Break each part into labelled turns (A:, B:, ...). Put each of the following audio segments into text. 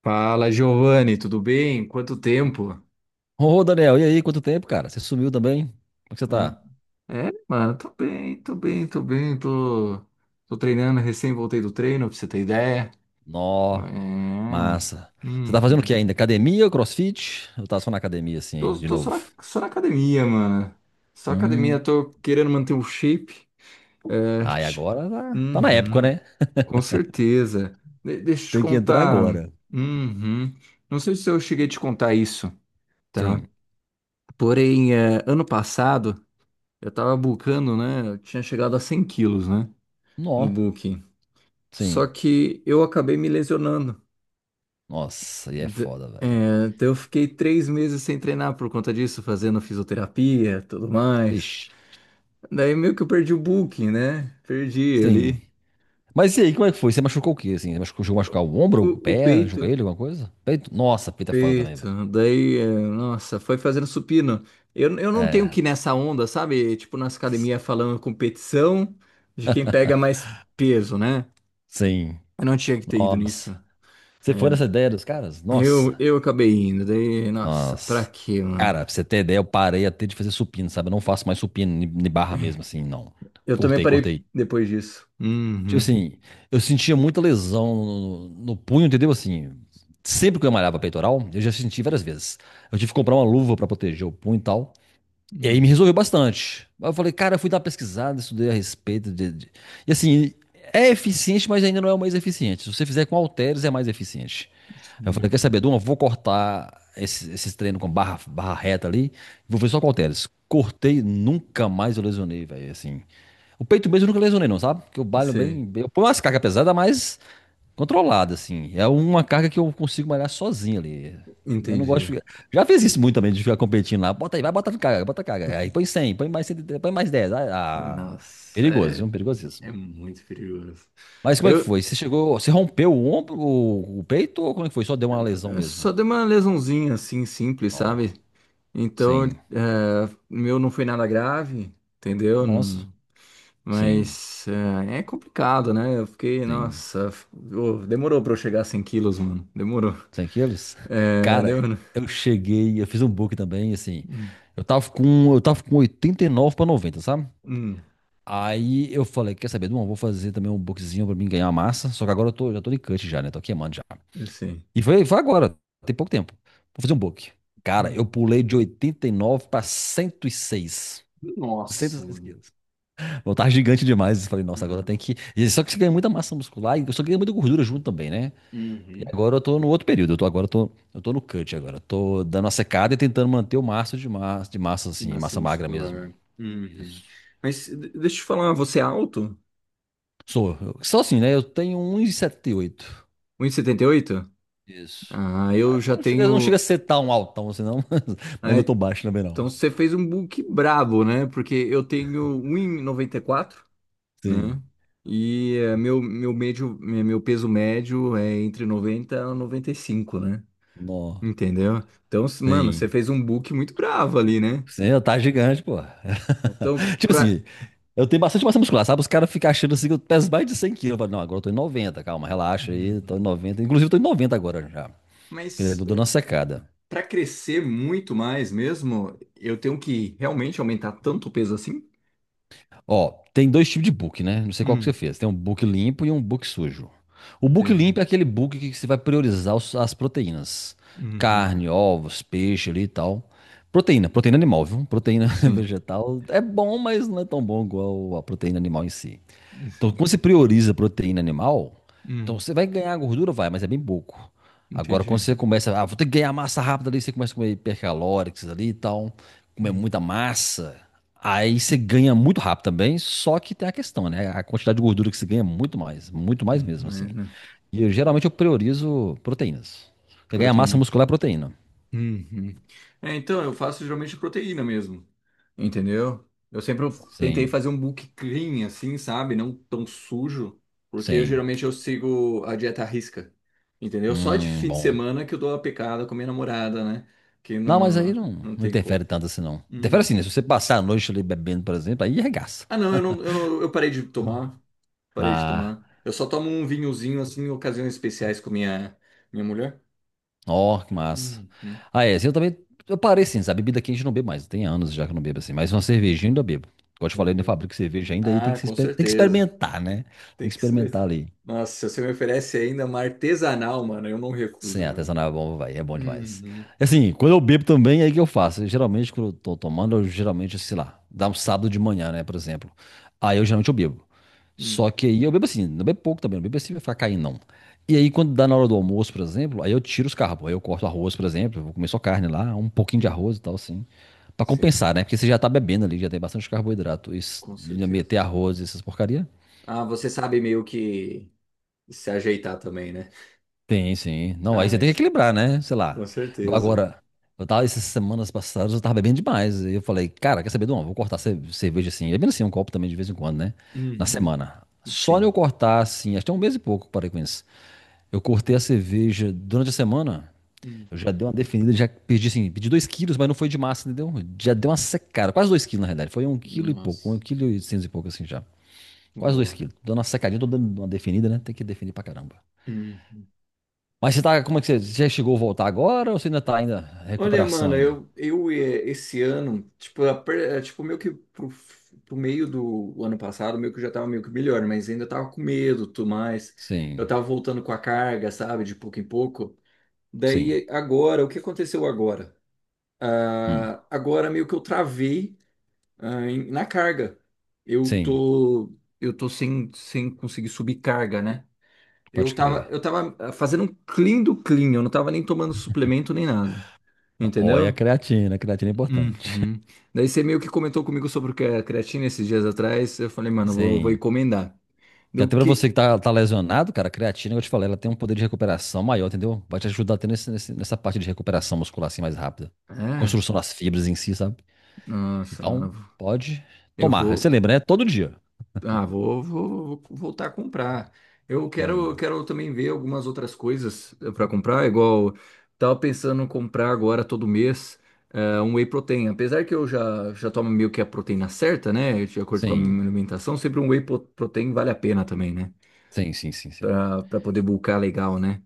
A: Fala, Giovanni, tudo bem? Quanto tempo?
B: Ô, Daniel, e aí? Quanto tempo, cara? Você sumiu também? Como é que você
A: Hum.
B: tá?
A: É, mano, tô bem, tô bem, tô bem, tô treinando, recém voltei do treino, pra você ter ideia. É.
B: Nó, massa. Você tá fazendo o
A: Uhum.
B: que ainda? Academia, CrossFit? Eu tava só na academia, assim,
A: Tô,
B: de
A: tô só na,
B: novo.
A: só na academia, mano. Só academia,
B: Hum.
A: tô querendo manter o shape. É,
B: Ah, e agora tá na época,
A: uhum,
B: né?
A: com certeza. Deixa eu te
B: Tem que entrar
A: contar.
B: agora.
A: Uhum. Não sei se eu cheguei a te contar isso, tá?
B: Sim.
A: Porém, ano passado. Eu tava bulkando, né? Eu tinha chegado a 100 quilos, né? No
B: Nó.
A: bulking. Só
B: Sim.
A: que eu acabei me lesionando.
B: Nossa, e é
A: D-
B: foda, velho.
A: então eu fiquei 3 meses sem treinar por conta disso, fazendo fisioterapia, tudo mais.
B: Vixe.
A: Daí meio que eu perdi o bulking, né? Perdi
B: Sim.
A: ali.
B: Mas e aí, como é que foi? Você machucou o quê, assim? Você machucou, chegou a machucar o ombro, o
A: O
B: pé, o
A: peito,
B: joelho, alguma coisa? Peito? Nossa, peito é foda também, velho.
A: peito. Daí, nossa, foi fazendo supino. Eu não tenho que
B: É.
A: ir nessa onda, sabe? Tipo, nas academias falando competição de quem pega mais peso, né?
B: Sim.
A: Eu não tinha que ter ido nisso.
B: Nossa. Você foi nessa
A: É,
B: ideia dos caras?
A: Eu,
B: Nossa.
A: eu acabei indo, daí, nossa, pra
B: Nossa.
A: quê, mano?
B: Cara, pra você ter ideia, eu parei até de fazer supino, sabe? Eu não faço mais supino de barra mesmo, assim, não.
A: Eu também
B: Cortei,
A: parei
B: cortei.
A: depois disso.
B: Tipo
A: Uhum.
B: assim, eu sentia muita lesão no punho, entendeu? Assim, sempre que eu malhava peitoral, eu já senti várias vezes. Eu tive que comprar uma luva pra proteger o punho e tal. E aí
A: Hum,
B: me resolveu bastante. Aí eu falei, cara, eu fui dar uma pesquisada, estudei a respeito e assim, é eficiente, mas ainda não é o mais eficiente. Se você fizer com halteres, é mais eficiente. Aí eu falei,
A: sim,
B: quer saber, Duma, vou cortar esses treinos com barra, barra reta ali, vou ver só com halteres. Cortei, nunca mais eu lesionei, velho, assim. O peito mesmo eu nunca lesionei não, sabe? Porque eu balho
A: sei,
B: bem, eu ponho umas cargas pesadas, mas controlada, assim. É uma carga que eu consigo malhar sozinho ali. Eu não gosto
A: entendi.
B: de ficar. Já fiz isso muito também, de ficar competindo lá. Bota aí, vai, bota carga, bota carga. Aí põe 100, põe mais 100, põe mais 10.
A: Nossa,
B: Perigoso, viu?
A: é,
B: Perigosíssimo.
A: é muito perigoso.
B: Mas como é que
A: Eu
B: foi? Você chegou, você rompeu o ombro, o peito, ou como é que foi? Só deu uma lesão
A: eu
B: mesmo?
A: só dei uma lesãozinha assim, simples,
B: Ó,
A: sabe? Então,
B: sim.
A: o meu não foi nada grave, entendeu?
B: Nossa, sim,
A: Mas é complicado, né? Eu fiquei,
B: sim.
A: nossa, demorou pra eu chegar a 100 quilos, mano. Demorou.
B: 100 quilos?
A: É,
B: Cara,
A: demorou.
B: eu cheguei, eu fiz um book também, assim.
A: Hum,
B: Eu tava com 89 para 90, sabe?
A: hum.
B: Aí eu falei, quer saber, não, eu vou fazer também um bookzinho pra mim ganhar massa. Só que agora eu tô, já tô de cut já, né? Tô queimando já.
A: Sim.
B: E foi agora, tem pouco tempo. Vou fazer um book. Cara, eu
A: Hum.
B: pulei de 89 para 106.
A: Nossa,
B: 106
A: mano.
B: quilos. Eu tava gigante demais. Eu falei, nossa, agora
A: Uhum.
B: tem que. E só que você ganha muita massa muscular e só ganha muita gordura junto também, né? E
A: Uhum.
B: agora eu tô no outro período, eu tô no cut agora. Eu tô dando a secada e tentando manter o máximo de massa
A: E
B: assim,
A: massa
B: massa magra mesmo.
A: muscular. Uhum.
B: Isso.
A: Mas deixa eu te falar, você é alto?
B: Sou, eu, sou assim, né? Eu tenho 1,78.
A: 1,78.
B: Isso.
A: Ah,
B: Ah,
A: eu já
B: não chega a
A: tenho.
B: ser tão altão assim, não, mas
A: Ah,
B: não tô baixo também,
A: então
B: não.
A: você fez um book brabo, né? Porque eu tenho 1,94,
B: Sim.
A: né? E meu peso médio é entre 90 e 95, né?
B: Nó.
A: Entendeu? Então, mano, você
B: Sim.
A: fez um book muito bravo ali, né?
B: Sim, eu tá gigante, pô.
A: Então,
B: Tipo
A: pra.
B: assim, eu tenho bastante massa muscular, sabe? Os caras ficam achando assim que eu peso mais de 100 quilos. Eu falo, não, agora eu tô em 90, calma, relaxa aí, tô em
A: Uhum.
B: 90. Inclusive, eu tô em 90 agora já. Eu
A: Mas.
B: tô dando uma
A: eh,
B: secada.
A: para crescer muito mais mesmo, eu tenho que realmente aumentar tanto o peso assim?
B: Ó, tem dois tipos de book, né? Não sei qual que você
A: Hum,
B: fez. Tem um book limpo e um book sujo. O book
A: entendi.
B: limpo é aquele book que você vai priorizar as proteínas.
A: Uhum,
B: Carne, ovos, peixe ali e tal. Proteína, proteína animal, viu? Proteína
A: sim,
B: vegetal é bom, mas não é tão bom igual a proteína animal em si. Então,
A: sim.
B: quando você prioriza proteína animal, então
A: Hum,
B: você vai ganhar gordura, vai, mas é bem pouco. Agora, quando
A: entendi.
B: você começa, ah, vou ter que ganhar massa rápida ali, você começa a comer hipercalóricos ali e tal, comer
A: Hum,
B: muita massa, aí você ganha muito rápido também, só que tem a questão, né? A quantidade de gordura que você ganha é muito mais
A: muito
B: mesmo, assim.
A: mais, né?
B: E eu geralmente eu priorizo proteínas. Você ganha massa
A: Proteínas.
B: muscular é proteína.
A: Uhum. É, então, eu faço geralmente proteína mesmo, entendeu? Eu sempre tentei
B: Sim,
A: fazer um book clean, assim, sabe? Não tão sujo, porque
B: sim.
A: geralmente eu sigo a dieta à risca, entendeu? Só de fim de
B: Bom.
A: semana que eu dou uma pecada com a minha namorada, né? Que
B: Não, mas aí
A: não,
B: não,
A: não
B: não
A: tem
B: interfere
A: como.
B: tanto assim, não. Interfere assim, né? Se
A: Uhum.
B: você passar a noite ali bebendo, por exemplo, aí arregaça.
A: Ah, não, eu parei de tomar, parei de
B: Ah,
A: tomar. Eu só tomo um vinhozinho assim em ocasiões especiais com minha mulher.
B: ó, que massa.
A: Uhum.
B: Ah, é, assim, eu também. Eu parei, sim, sabe? Bebida quente eu não bebo mais. Tem anos já que eu não bebo assim. Mas uma
A: Uhum.
B: cervejinha eu ainda bebo. Como eu te
A: Ah,
B: falei, eu ainda
A: meu-
B: fabrico cerveja ainda e tem
A: ah,
B: que se
A: com
B: tem que
A: certeza.
B: experimentar, né? Tem que
A: Tem que ser.
B: experimentar ali.
A: Nossa, se você me oferece ainda uma artesanal, mano, eu não
B: Sim,
A: recuso, mano.
B: artesanal é bom, vai, é bom demais.
A: Uhum.
B: E assim, quando eu bebo também, aí que eu faço. Eu geralmente, quando eu tô tomando, eu geralmente, sei lá, dá um sábado de manhã, né, por exemplo. Aí eu geralmente eu bebo.
A: Uhum.
B: Só que aí eu bebo assim, não bebo pouco também, não bebo assim pra ficar caindo, não. E aí, quando dá na hora do almoço, por exemplo, aí eu tiro os carbos. Aí eu corto arroz, por exemplo, eu vou comer só carne lá, um pouquinho de
A: Uhum.
B: arroz e tal, assim. Pra
A: Sim,
B: compensar, né? Porque você já tá bebendo ali, já tem bastante carboidrato. Isso,
A: com
B: e ainda
A: certeza.
B: meter arroz, e essas porcaria.
A: Ah, você sabe meio que se ajeitar também, né?
B: Sim, sim. Não,
A: Ah,
B: aí você tem que
A: mas,
B: equilibrar, né? Sei
A: com
B: lá. Igual
A: certeza.
B: agora, eu tava essas semanas passadas, eu tava bebendo demais. E eu falei, cara, quer saber de uma? Vou cortar cerveja assim. É bem assim, um copo também de vez em quando, né? Na
A: Uhum.
B: semana. Só eu
A: Sim.
B: cortar assim, acho que é um mês e pouco, parei com isso. Eu cortei a cerveja durante a semana.
A: Uhum.
B: Eu já dei uma definida, já perdi assim, perdi 2 quilos, mas não foi de massa, entendeu? Já deu uma secada, quase 2 quilos na realidade. Foi um quilo e pouco, um
A: Nossa,
B: quilo e oitocentos e pouco assim já. Quase dois
A: boa.
B: quilos. Dando uma secadinha, tô dando uma definida, né? Tem que definir pra caramba.
A: Uhum.
B: Mas você tá, como é que você, você já chegou a voltar agora ou você ainda tá ainda
A: Olha,
B: recuperação
A: mano,
B: ainda?
A: esse ano, tipo, tipo meio que pro, meio do ano passado, meio que eu já tava meio que melhor, mas ainda tava com medo, tudo mais. Eu
B: Sim,
A: tava voltando com a carga, sabe, de pouco em pouco.
B: sim.
A: Daí agora, o que aconteceu agora?
B: Hum,
A: Ah, agora meio que eu travei, na carga. Eu
B: sim,
A: tô, eu tô sem conseguir subir carga, né? Eu
B: pode
A: tava,
B: crer.
A: eu tava ah, fazendo um clean do clean, eu não tava nem tomando suplemento nem nada,
B: Não, olha,
A: entendeu?
B: a creatina é importante.
A: Uhum. Daí você meio que comentou comigo sobre o que é creatina esses dias atrás. Eu falei, mano, eu vou
B: Sim.
A: encomendar.
B: Porque
A: Do
B: até pra você
A: que.
B: que tá, tá lesionado, cara, a creatina, que eu te falei, ela tem um poder de recuperação maior, entendeu? Vai te ajudar até nesse, nessa parte de recuperação muscular assim mais rápida.
A: É?
B: Construção das fibras em si, sabe?
A: Nossa,
B: Então,
A: mano.
B: pode
A: Eu
B: tomar. Aí você
A: vou.
B: lembra, né? Todo dia.
A: Ah, vou voltar a comprar. Eu quero, eu
B: Sim,
A: quero também ver algumas outras coisas pra comprar, igual tava pensando em comprar agora todo mês um whey protein. Apesar que eu já tomo meio que a proteína certa, né? De acordo com a
B: sim,
A: minha alimentação, sempre um whey protein vale a pena também, né?
B: sim, sim, sim, sim.
A: Pra poder bulkar legal, né?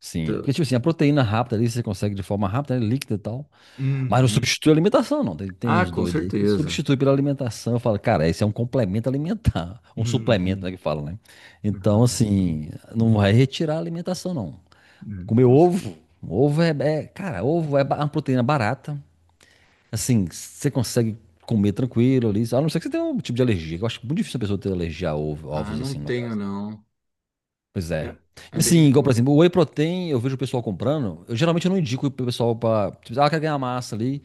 B: Sim,
A: T-
B: é porque tipo assim, a proteína rápida ali você consegue de forma rápida, né, líquida e tal. Mas não
A: Uhum.
B: substitui a alimentação, não. Tem
A: Ah,
B: uns
A: com
B: doidos aí que
A: certeza.
B: substitui pela alimentação. Eu falo, cara, esse é um complemento alimentar. Um suplemento,
A: Uhum.
B: né, que fala, né? Então,
A: Nossa,
B: assim, não vai retirar a alimentação, não. Comer
A: com cer-.
B: ovo. Ovo é, cara, ovo é uma proteína barata. Assim, você consegue comer tranquilo ali. A não ser que você tenha um tipo de alergia. Que Eu acho muito difícil a pessoa ter alergia a ovo,
A: Ah,
B: ovos,
A: não
B: assim, no
A: tenho,
B: caso.
A: não.
B: Pois
A: É
B: é. E
A: é bem
B: assim,
A: de
B: igual, por
A: boa.
B: exemplo, o whey protein, eu vejo o pessoal comprando. Eu geralmente eu não indico pro pessoal pra. Tipo, ah, quer ganhar massa ali.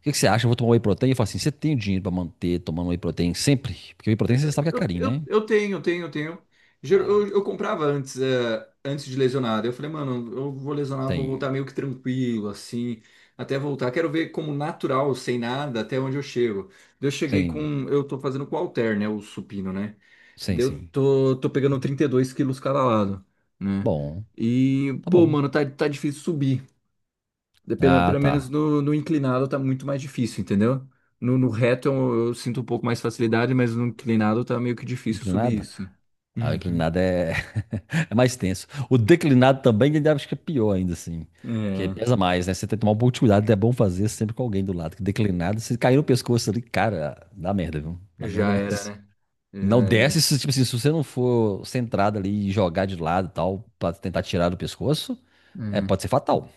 B: O que que você acha? Eu vou tomar whey protein? Eu falo assim: você tem o dinheiro pra manter tomando whey protein sempre? Porque whey protein você sabe que é
A: Eu,
B: carinho,
A: eu,
B: né?
A: eu tenho, tenho, tenho. Ger-
B: Ah,
A: Eu, eu comprava antes, antes de lesionar. Daí eu falei, mano, eu vou lesionar, vou
B: tem,
A: voltar meio que tranquilo, assim, até voltar. Quero ver como natural, sem nada, até onde eu chego. Daí eu cheguei
B: tem,
A: com. Eu tô fazendo com o halter, né? O supino, né?
B: sim,
A: Daí eu
B: sim.
A: tô pegando 32 quilos cada lado, né?
B: Bom,
A: E,
B: tá
A: pô,
B: bom.
A: mano, tá difícil subir. De- Pelo,
B: Ah,
A: pelo menos
B: tá.
A: no inclinado tá muito mais difícil, entendeu? No reto eu sinto um pouco mais facilidade, mas no inclinado tá meio que difícil subir
B: Inclinada?
A: isso.
B: Ah,
A: Uhum.
B: inclinada é. É mais tenso. O declinado também, ainda acho que é pior ainda, assim. Que aí
A: É,
B: pesa mais, né? Você tem que tomar um pouco de cuidado, é bom fazer sempre com alguém do lado. Que declinado, se cair no pescoço ali, cara, dá merda, viu? Dá merda
A: já
B: mesmo.
A: era, né? Já
B: Não
A: era.
B: desce, se, tipo assim, se você não for centrado ali e jogar de lado e tal, pra tentar tirar do pescoço, é,
A: Uhum.
B: pode ser fatal.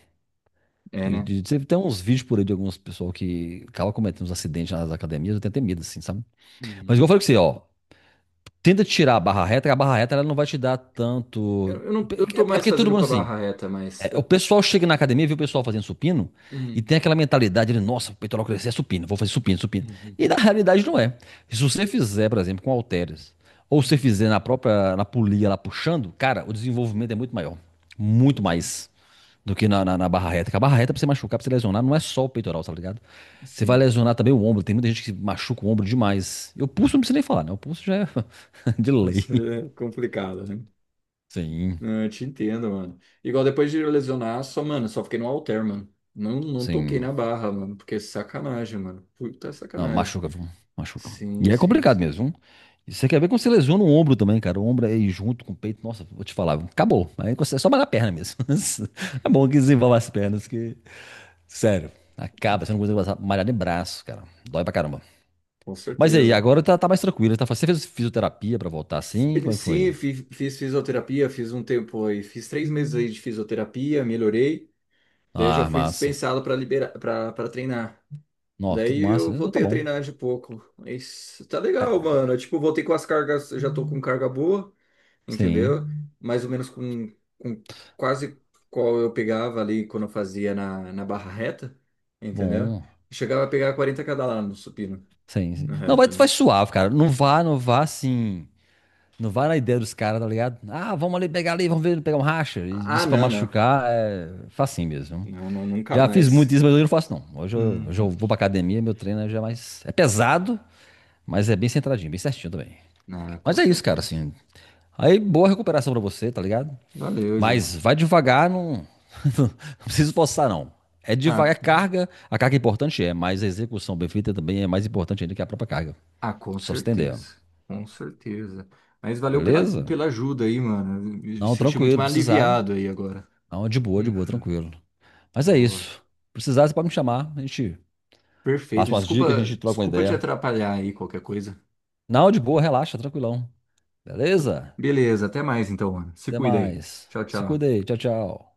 A: É,
B: Eu,
A: né?
B: tem uns vídeos por aí de algumas pessoas que acabam cometendo uns acidentes nas academias, eu tenho até medo, assim, sabe? Mas igual eu
A: Uhum.
B: falei com você, ó, tenta tirar a barra reta, que a barra reta ela não vai te dar tanto.
A: Eu não
B: É
A: tô mais
B: porque todo
A: fazendo
B: mundo
A: com a
B: assim.
A: barra reta, mas.
B: É, o
A: Eu...
B: pessoal chega na academia, vê o pessoal fazendo supino e
A: Uhum.
B: tem aquela mentalidade de, nossa, o peitoral crescer é supino, vou fazer supino, supino.
A: Uhum.
B: E na realidade não é. Se você fizer, por exemplo, com halteres, ou se você
A: Uhum.
B: fizer na própria, na polia lá puxando, cara, o desenvolvimento é muito maior. Muito
A: Entendi.
B: mais do que na barra reta. Porque a barra reta, pra você machucar, pra você lesionar, não é só o peitoral, tá ligado? Você vai
A: Sim.
B: lesionar também o ombro. Tem muita gente que machuca o ombro demais. E o pulso não precisa nem falar, né? O pulso já é de
A: Isso
B: lei.
A: é complicado, né?
B: Sim,
A: Não, eu te entendo, mano. Igual depois de lesionar, só, mano, só fiquei no halter, mano. Não, não toquei
B: sim.
A: na barra, mano, porque é sacanagem, mano. Puta
B: Não,
A: sacanagem.
B: machuca, viu? Machuca.
A: Sim,
B: E é
A: sim,
B: complicado
A: sim.
B: mesmo, viu? E você quer ver como você lesiona o ombro também, cara. O ombro aí junto com o peito. Nossa, vou te falar, viu? Acabou. Aí você- é só malhar a perna mesmo. É bom que desenvolva as pernas, que. Sério, acaba. Você não consegue passar- malhar nem braço, cara. Dói pra caramba.
A: Com
B: Mas aí,
A: certeza.
B: agora tá mais tranquilo. Tá, você fez fisioterapia pra voltar assim? Como é que
A: Sim,
B: foi?
A: fiz fisioterapia, fiz um tempo aí, fiz 3 meses aí de fisioterapia, melhorei. Daí eu já
B: Ah,
A: fui
B: massa.
A: dispensado para liberar, para treinar.
B: Nossa, que
A: Daí eu
B: massa. Então tá
A: voltei a
B: bom.
A: treinar de pouco. Mas tá legal,
B: É,
A: mano. Eu, tipo, voltei com as cargas, já tô com carga boa.
B: sim,
A: Entendeu? Mais ou menos com, quase qual eu pegava ali quando eu fazia na barra reta, entendeu?
B: bom.
A: Chegava a pegar 40 cada lá no supino,
B: Sim, sim.
A: na
B: Não, vai,
A: reta,
B: vai
A: né?
B: suave, cara. Não vá, não vá assim. Não vai na ideia dos caras, tá ligado? Ah, vamos ali pegar ali, vamos ver, pegar um racha.
A: Ah,
B: Isso pra
A: não, não.
B: machucar é facinho mesmo.
A: Não, não, nunca
B: Já fiz muito
A: mais.
B: isso, mas hoje eu não faço não. Hoje eu
A: Uhum.
B: vou pra academia, meu treino é já é mais. É pesado, mas é bem centradinho, bem certinho também.
A: Ah, com
B: Mas é isso, cara,
A: certeza.
B: assim. Aí, boa recuperação pra você, tá ligado?
A: Valeu, Ju.
B: Mas vai devagar, não, não precisa forçar não. É
A: Ah,
B: devagar, é carga, a carga é importante é, mas a execução bem feita também é mais importante ainda que a própria carga.
A: ah, com
B: Só pra você entender, ó.
A: certeza. Com certeza. Mas valeu pela,
B: Beleza?
A: pela ajuda aí, mano. Eu me
B: Não,
A: senti muito
B: tranquilo,
A: mais
B: precisar.
A: aliviado aí agora.
B: Não, de boa,
A: Uhum.
B: tranquilo. Mas é
A: Boa.
B: isso. Precisar, você pode me chamar. A gente
A: Perfeito.
B: passa umas dicas, a
A: Desculpa,
B: gente troca uma
A: desculpa te
B: ideia.
A: atrapalhar aí qualquer coisa.
B: Não, de boa, relaxa, tranquilão. Beleza?
A: Beleza, até mais então, mano. Se
B: Até
A: cuida aí.
B: mais.
A: Tchau,
B: Se
A: tchau.
B: cuida aí. Tchau, tchau.